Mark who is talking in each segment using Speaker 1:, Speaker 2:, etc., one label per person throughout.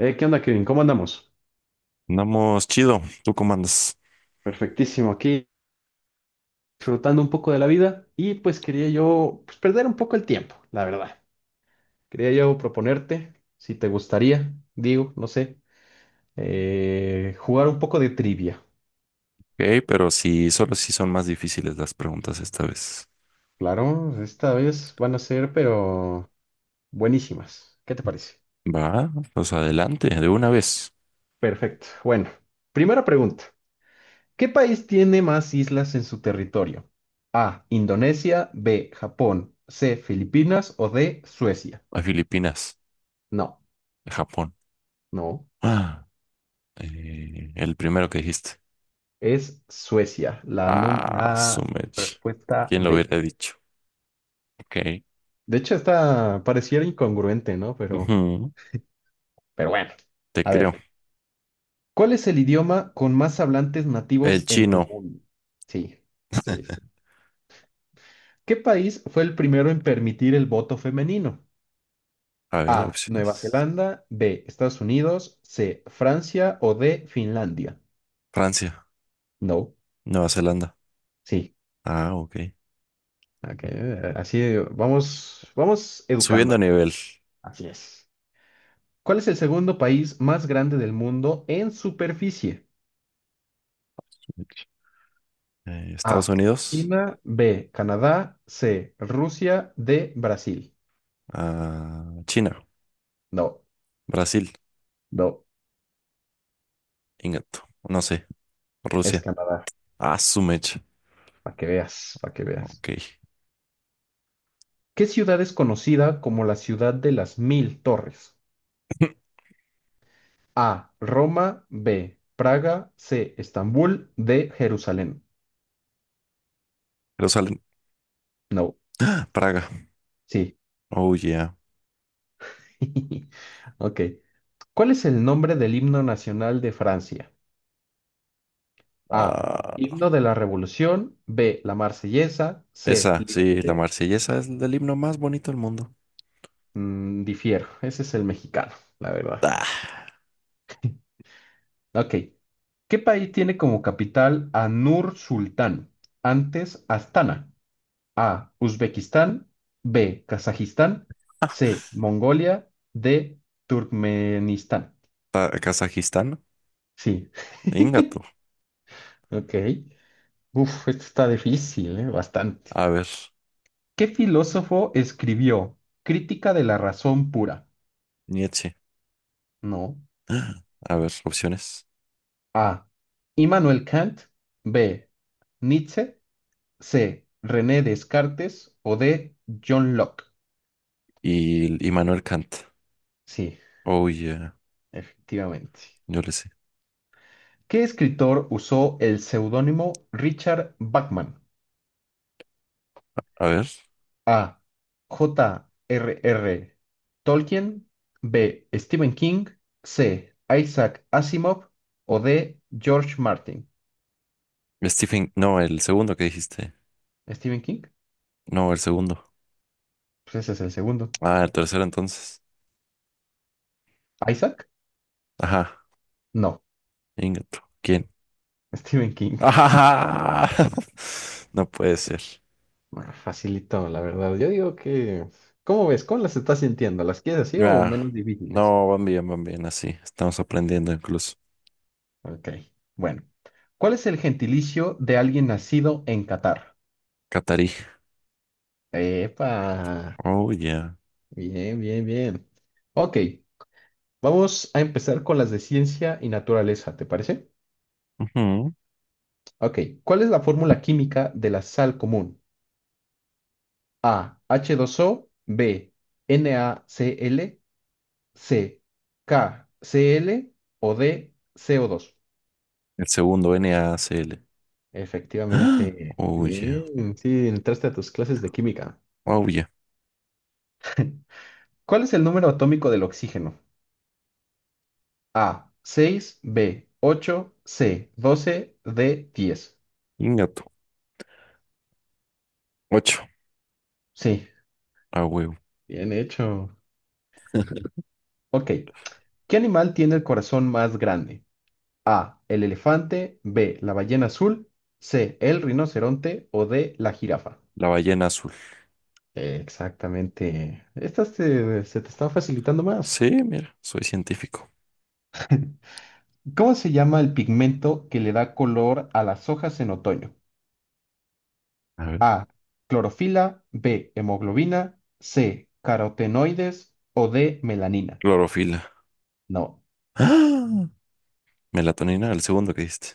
Speaker 1: ¿Qué onda, Kevin? ¿Cómo andamos?
Speaker 2: Andamos chido, tú comandas.
Speaker 1: Perfectísimo, aquí disfrutando un poco de la vida y pues quería yo pues, perder un poco el tiempo, la verdad. Quería yo proponerte, si te gustaría, digo, no sé, jugar un poco de trivia.
Speaker 2: Ok, pero sí, solo si son más difíciles las preguntas esta vez.
Speaker 1: Claro, esta vez van a ser, pero buenísimas. ¿Qué te parece?
Speaker 2: Va, pues adelante, de una vez.
Speaker 1: Perfecto. Bueno, primera pregunta. ¿Qué país tiene más islas en su territorio? A, Indonesia, B, Japón, C, Filipinas o D, Suecia.
Speaker 2: A Filipinas,
Speaker 1: No,
Speaker 2: a Japón.
Speaker 1: no.
Speaker 2: Ah, el primero que dijiste.
Speaker 1: Es Suecia, la,
Speaker 2: Ah,
Speaker 1: la
Speaker 2: Sumech.
Speaker 1: respuesta
Speaker 2: ¿Quién lo
Speaker 1: D.
Speaker 2: hubiera dicho? Ok.
Speaker 1: De hecho, esta pareciera incongruente, ¿no?
Speaker 2: Ujú,
Speaker 1: Pero bueno.
Speaker 2: te
Speaker 1: A
Speaker 2: creo.
Speaker 1: ver, ¿cuál es el idioma con más hablantes
Speaker 2: El
Speaker 1: nativos en el
Speaker 2: chino.
Speaker 1: mundo? Sí, sí, sí. ¿Qué país fue el primero en permitir el voto femenino?
Speaker 2: A ver,
Speaker 1: A, Nueva
Speaker 2: opciones.
Speaker 1: Zelanda, B, Estados Unidos, C, Francia o D, Finlandia.
Speaker 2: Francia,
Speaker 1: No,
Speaker 2: Nueva Zelanda.
Speaker 1: sí.
Speaker 2: Ah, ok.
Speaker 1: Ok, así vamos, vamos
Speaker 2: Subiendo a
Speaker 1: educándome.
Speaker 2: nivel.
Speaker 1: Así es. ¿Cuál es el segundo país más grande del mundo en superficie?
Speaker 2: Estados
Speaker 1: A.
Speaker 2: Unidos,
Speaker 1: China. B. Canadá. C. Rusia. D. Brasil.
Speaker 2: ah, China,
Speaker 1: No,
Speaker 2: Brasil.
Speaker 1: no,
Speaker 2: Ingato. No sé.
Speaker 1: es
Speaker 2: Rusia.
Speaker 1: Canadá.
Speaker 2: Ah, su mecha.
Speaker 1: Para que veas, para que veas.
Speaker 2: Ok.
Speaker 1: ¿Qué ciudad es conocida como la ciudad de las mil torres? A. Roma. B. Praga. C. Estambul. D. Jerusalén.
Speaker 2: Jerusalén.
Speaker 1: No,
Speaker 2: Praga.
Speaker 1: sí.
Speaker 2: Oh, yeah.
Speaker 1: Ok. ¿Cuál es el nombre del himno nacional de Francia? A.
Speaker 2: Ah,
Speaker 1: Himno de la Revolución. B. La Marsellesa. C.
Speaker 2: esa, sí, la
Speaker 1: Liberté.
Speaker 2: Marsellesa es el himno más bonito del mundo.
Speaker 1: Mm, difiero. Ese es el mexicano, la verdad.
Speaker 2: Ah,
Speaker 1: Ok. ¿Qué país tiene como capital a Nur Sultán? Antes Astana. A. Uzbekistán. B. Kazajistán. C. Mongolia. D. Turkmenistán.
Speaker 2: Kazajistán.
Speaker 1: Sí.
Speaker 2: Ingato.
Speaker 1: Ok. Uf, esto está difícil, ¿eh? Bastante.
Speaker 2: A ver.
Speaker 1: ¿Qué filósofo escribió Crítica de la razón pura?
Speaker 2: Nietzsche.
Speaker 1: No.
Speaker 2: A ver, opciones.
Speaker 1: A. Immanuel Kant. B. Nietzsche. C. René Descartes. O D. John Locke.
Speaker 2: Y Manuel Kant.
Speaker 1: Sí,
Speaker 2: Oh, yeah.
Speaker 1: efectivamente.
Speaker 2: Yo le sé.
Speaker 1: ¿Qué escritor usó el seudónimo Richard Bachman?
Speaker 2: A ver.
Speaker 1: A. J. R. R. Tolkien. B. Stephen King. C. Isaac Asimov. O D. George Martin.
Speaker 2: Stephen. No, el segundo que dijiste.
Speaker 1: ¿Stephen King?
Speaker 2: No, el segundo.
Speaker 1: Pues ese es el segundo.
Speaker 2: Ah, el tercero entonces.
Speaker 1: ¿Isaac?
Speaker 2: Ajá.
Speaker 1: No.
Speaker 2: Ingato. ¿Quién?
Speaker 1: Stephen King.
Speaker 2: Ah, no puede ser.
Speaker 1: Ah, facilito, la verdad. Yo digo que, ¿cómo ves? ¿Cómo las estás sintiendo? ¿Las quieres así o
Speaker 2: Ah,
Speaker 1: menos difíciles?
Speaker 2: no, van bien, así. Estamos aprendiendo incluso.
Speaker 1: Ok, bueno. ¿Cuál es el gentilicio de alguien nacido en Qatar?
Speaker 2: Catarí.
Speaker 1: Epa,
Speaker 2: Oh, yeah.
Speaker 1: bien, bien, bien. Ok, vamos a empezar con las de ciencia y naturaleza, ¿te parece?
Speaker 2: Ujú.
Speaker 1: Ok, ¿cuál es la fórmula química de la sal común? A, h dos o B, NaCl, C, KCl o D, co dos.
Speaker 2: El segundo NACL. Ah,
Speaker 1: Efectivamente.
Speaker 2: Oh, yeah.
Speaker 1: Bien, sí, entraste a tus clases de química.
Speaker 2: Oh, yeah.
Speaker 1: ¿Cuál es el número atómico del oxígeno? A, 6 B, 8 C, 12 D, 10.
Speaker 2: Ingato. Ocho.
Speaker 1: Sí,
Speaker 2: A huevo.
Speaker 1: bien hecho. Ok. ¿Qué animal tiene el corazón más grande? A, el elefante, B, la ballena azul, C, el rinoceronte o D, la jirafa.
Speaker 2: La ballena azul.
Speaker 1: Exactamente. Esta se te está facilitando más.
Speaker 2: Sí, mira, soy científico.
Speaker 1: ¿Cómo se llama el pigmento que le da color a las hojas en otoño?
Speaker 2: A ver.
Speaker 1: A. Clorofila. B. Hemoglobina. C. Carotenoides. O D. Melanina.
Speaker 2: Clorofila.
Speaker 1: No,
Speaker 2: Ah, Melatonina, el segundo que diste.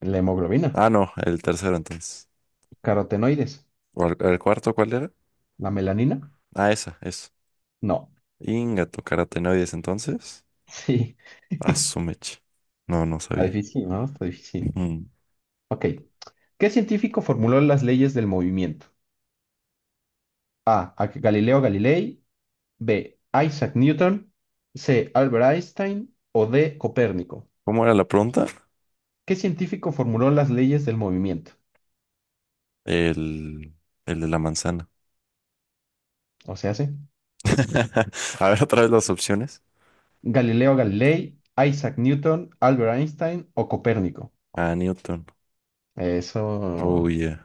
Speaker 1: la hemoglobina.
Speaker 2: Ah, no, el tercero entonces.
Speaker 1: Carotenoides.
Speaker 2: ¿O el cuarto cuál era?
Speaker 1: ¿La melanina?
Speaker 2: Ah, esa, eso.
Speaker 1: No.
Speaker 2: Ingato, carotenoides entonces.
Speaker 1: Sí.
Speaker 2: Ah, su mecha. No, no
Speaker 1: Está
Speaker 2: sabía.
Speaker 1: difícil, ¿no? Está difícil.
Speaker 2: Ujú.
Speaker 1: Ok. ¿Qué científico formuló las leyes del movimiento? A. Galileo Galilei. B. Isaac Newton. C. Albert Einstein. O D. Copérnico.
Speaker 2: ¿Cómo era la pregunta?
Speaker 1: ¿Qué científico formuló las leyes del movimiento?
Speaker 2: El, el de la manzana.
Speaker 1: O sea, ¿sí?
Speaker 2: A ver, otra vez las opciones.
Speaker 1: Galileo Galilei, Isaac Newton, Albert Einstein o Copérnico.
Speaker 2: Ah, Newton. Oh,
Speaker 1: Eso.
Speaker 2: yeah.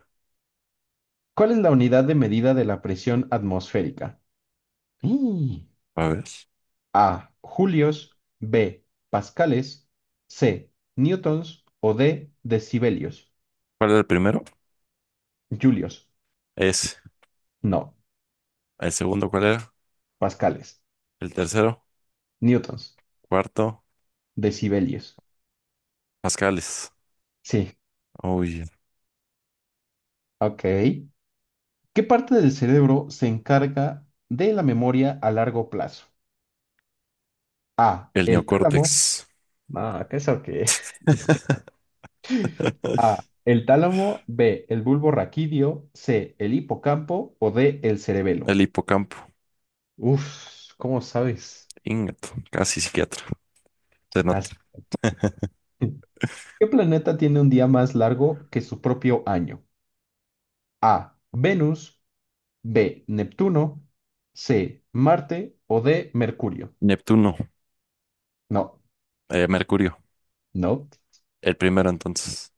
Speaker 1: ¿Cuál es la unidad de medida de la presión atmosférica? ¡Y!
Speaker 2: A ver.
Speaker 1: A. Julios. B. Pascales. C. Newtons. O D. Decibelios.
Speaker 2: ¿Cuál era el primero?
Speaker 1: Julios.
Speaker 2: Es.
Speaker 1: No.
Speaker 2: ¿El segundo cuál era?
Speaker 1: Pascales.
Speaker 2: El tercero.
Speaker 1: Newtons.
Speaker 2: Cuarto.
Speaker 1: Decibelios.
Speaker 2: Pascales.
Speaker 1: Sí.
Speaker 2: Oh, yeah.
Speaker 1: Ok. ¿Qué parte del cerebro se encarga de la memoria a largo plazo? A.
Speaker 2: El
Speaker 1: El tálamo.
Speaker 2: neocórtex.
Speaker 1: Ah, ¿qué es eso qué? A. El tálamo. B. El bulbo raquídeo. C. El hipocampo. O D. El cerebelo.
Speaker 2: El hipocampo.
Speaker 1: Uf, ¿cómo sabes?
Speaker 2: Ingato. Casi psiquiatra. Se
Speaker 1: As-
Speaker 2: nota.
Speaker 1: ¿Qué planeta tiene un día más largo que su propio año? A. Venus. B. Neptuno. C. Marte. O D. Mercurio.
Speaker 2: Neptuno.
Speaker 1: No,
Speaker 2: Mercurio.
Speaker 1: no.
Speaker 2: El primero entonces.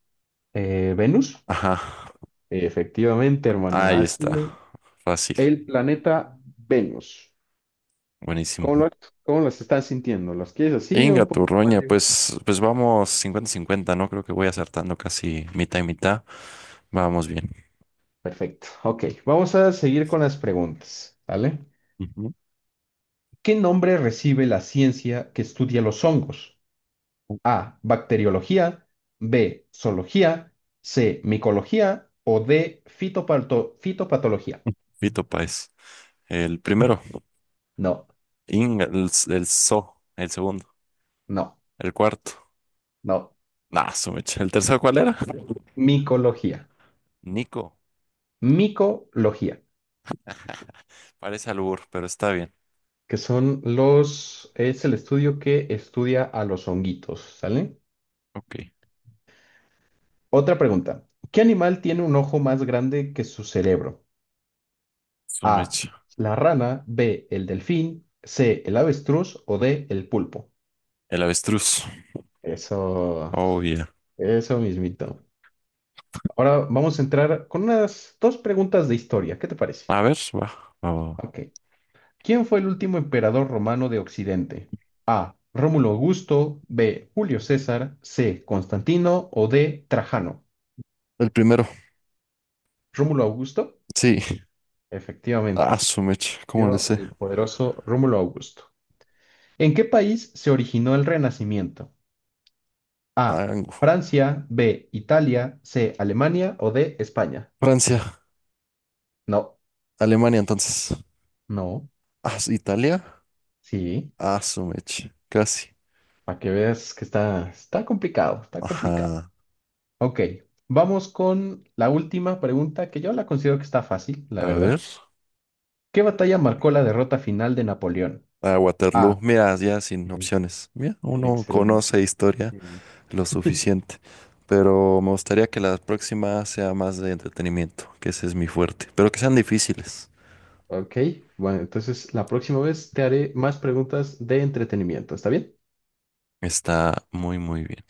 Speaker 1: ¿Venus?
Speaker 2: Ajá.
Speaker 1: Efectivamente, hermano.
Speaker 2: Ahí está.
Speaker 1: Ácido.
Speaker 2: Fácil.
Speaker 1: El planeta Venus.
Speaker 2: Buenísimo.
Speaker 1: ¿Cómo lo, cómo las están sintiendo? ¿Las quieres así o
Speaker 2: Inga
Speaker 1: un poquito más
Speaker 2: Turroña,
Speaker 1: lejos?
Speaker 2: pues vamos 50-50, ¿no? Creo que voy acertando casi mitad y mitad. Vamos bien.
Speaker 1: Perfecto. Ok, vamos a seguir con las preguntas, ¿vale?
Speaker 2: Ujú.
Speaker 1: ¿Qué nombre recibe la ciencia que estudia los hongos? A. Bacteriología. B. Zoología. C. Micología. O D. Fitopatología.
Speaker 2: Vito Páez. El primero.
Speaker 1: No,
Speaker 2: Inga, el So. El segundo.
Speaker 1: no,
Speaker 2: El cuarto.
Speaker 1: no.
Speaker 2: Nah, Sumecha. ¿El tercero cuál era?
Speaker 1: Micología.
Speaker 2: Nico.
Speaker 1: Micología,
Speaker 2: Parece albur, pero está bien.
Speaker 1: que son los, es el estudio que estudia a los honguitos, ¿sale?
Speaker 2: Ok.
Speaker 1: Otra pregunta. ¿Qué animal tiene un ojo más grande que su cerebro? A,
Speaker 2: Sumecha.
Speaker 1: la rana, B, el delfín, C, el avestruz o D, el pulpo.
Speaker 2: El avestruz.
Speaker 1: Eso,
Speaker 2: Oh, yeah.
Speaker 1: eso mismito. Ahora vamos a entrar con unas dos preguntas de historia. ¿Qué te parece?
Speaker 2: A ver, va. Va, va, va.
Speaker 1: Ok. ¿Quién fue el último emperador romano de Occidente? ¿Rómulo Augusto, B, Julio César, C, Constantino o D, Trajano?
Speaker 2: El primero.
Speaker 1: ¿Rómulo Augusto?
Speaker 2: Sí.
Speaker 1: Efectivamente.
Speaker 2: Ah, Sumecha. ¿Cómo le
Speaker 1: Yo,
Speaker 2: sé?
Speaker 1: el poderoso Rómulo Augusto. ¿En qué país se originó el Renacimiento? A.
Speaker 2: Mango.
Speaker 1: Francia, B. Italia, C. Alemania o D. España.
Speaker 2: Francia.
Speaker 1: No,
Speaker 2: Alemania, entonces.
Speaker 1: no,
Speaker 2: Ah, Italia.
Speaker 1: sí,
Speaker 2: Ah, su mecha. Casi.
Speaker 1: para que veas que está, está complicado, está complicado.
Speaker 2: Ajá.
Speaker 1: Ok, vamos con la última pregunta que yo la considero que está fácil, la
Speaker 2: A ver.
Speaker 1: verdad. ¿Qué batalla marcó la derrota final de Napoleón?
Speaker 2: A
Speaker 1: A.
Speaker 2: Waterloo. Mira, ya sin
Speaker 1: Sí,
Speaker 2: opciones. Mira, uno
Speaker 1: excelente.
Speaker 2: conoce historia lo suficiente. Pero me gustaría que la próxima sea más de entretenimiento, que ese es mi fuerte. Pero que sean difíciles.
Speaker 1: Ok, bueno, entonces la próxima vez te haré más preguntas de entretenimiento, ¿está bien?
Speaker 2: Está muy, muy bien.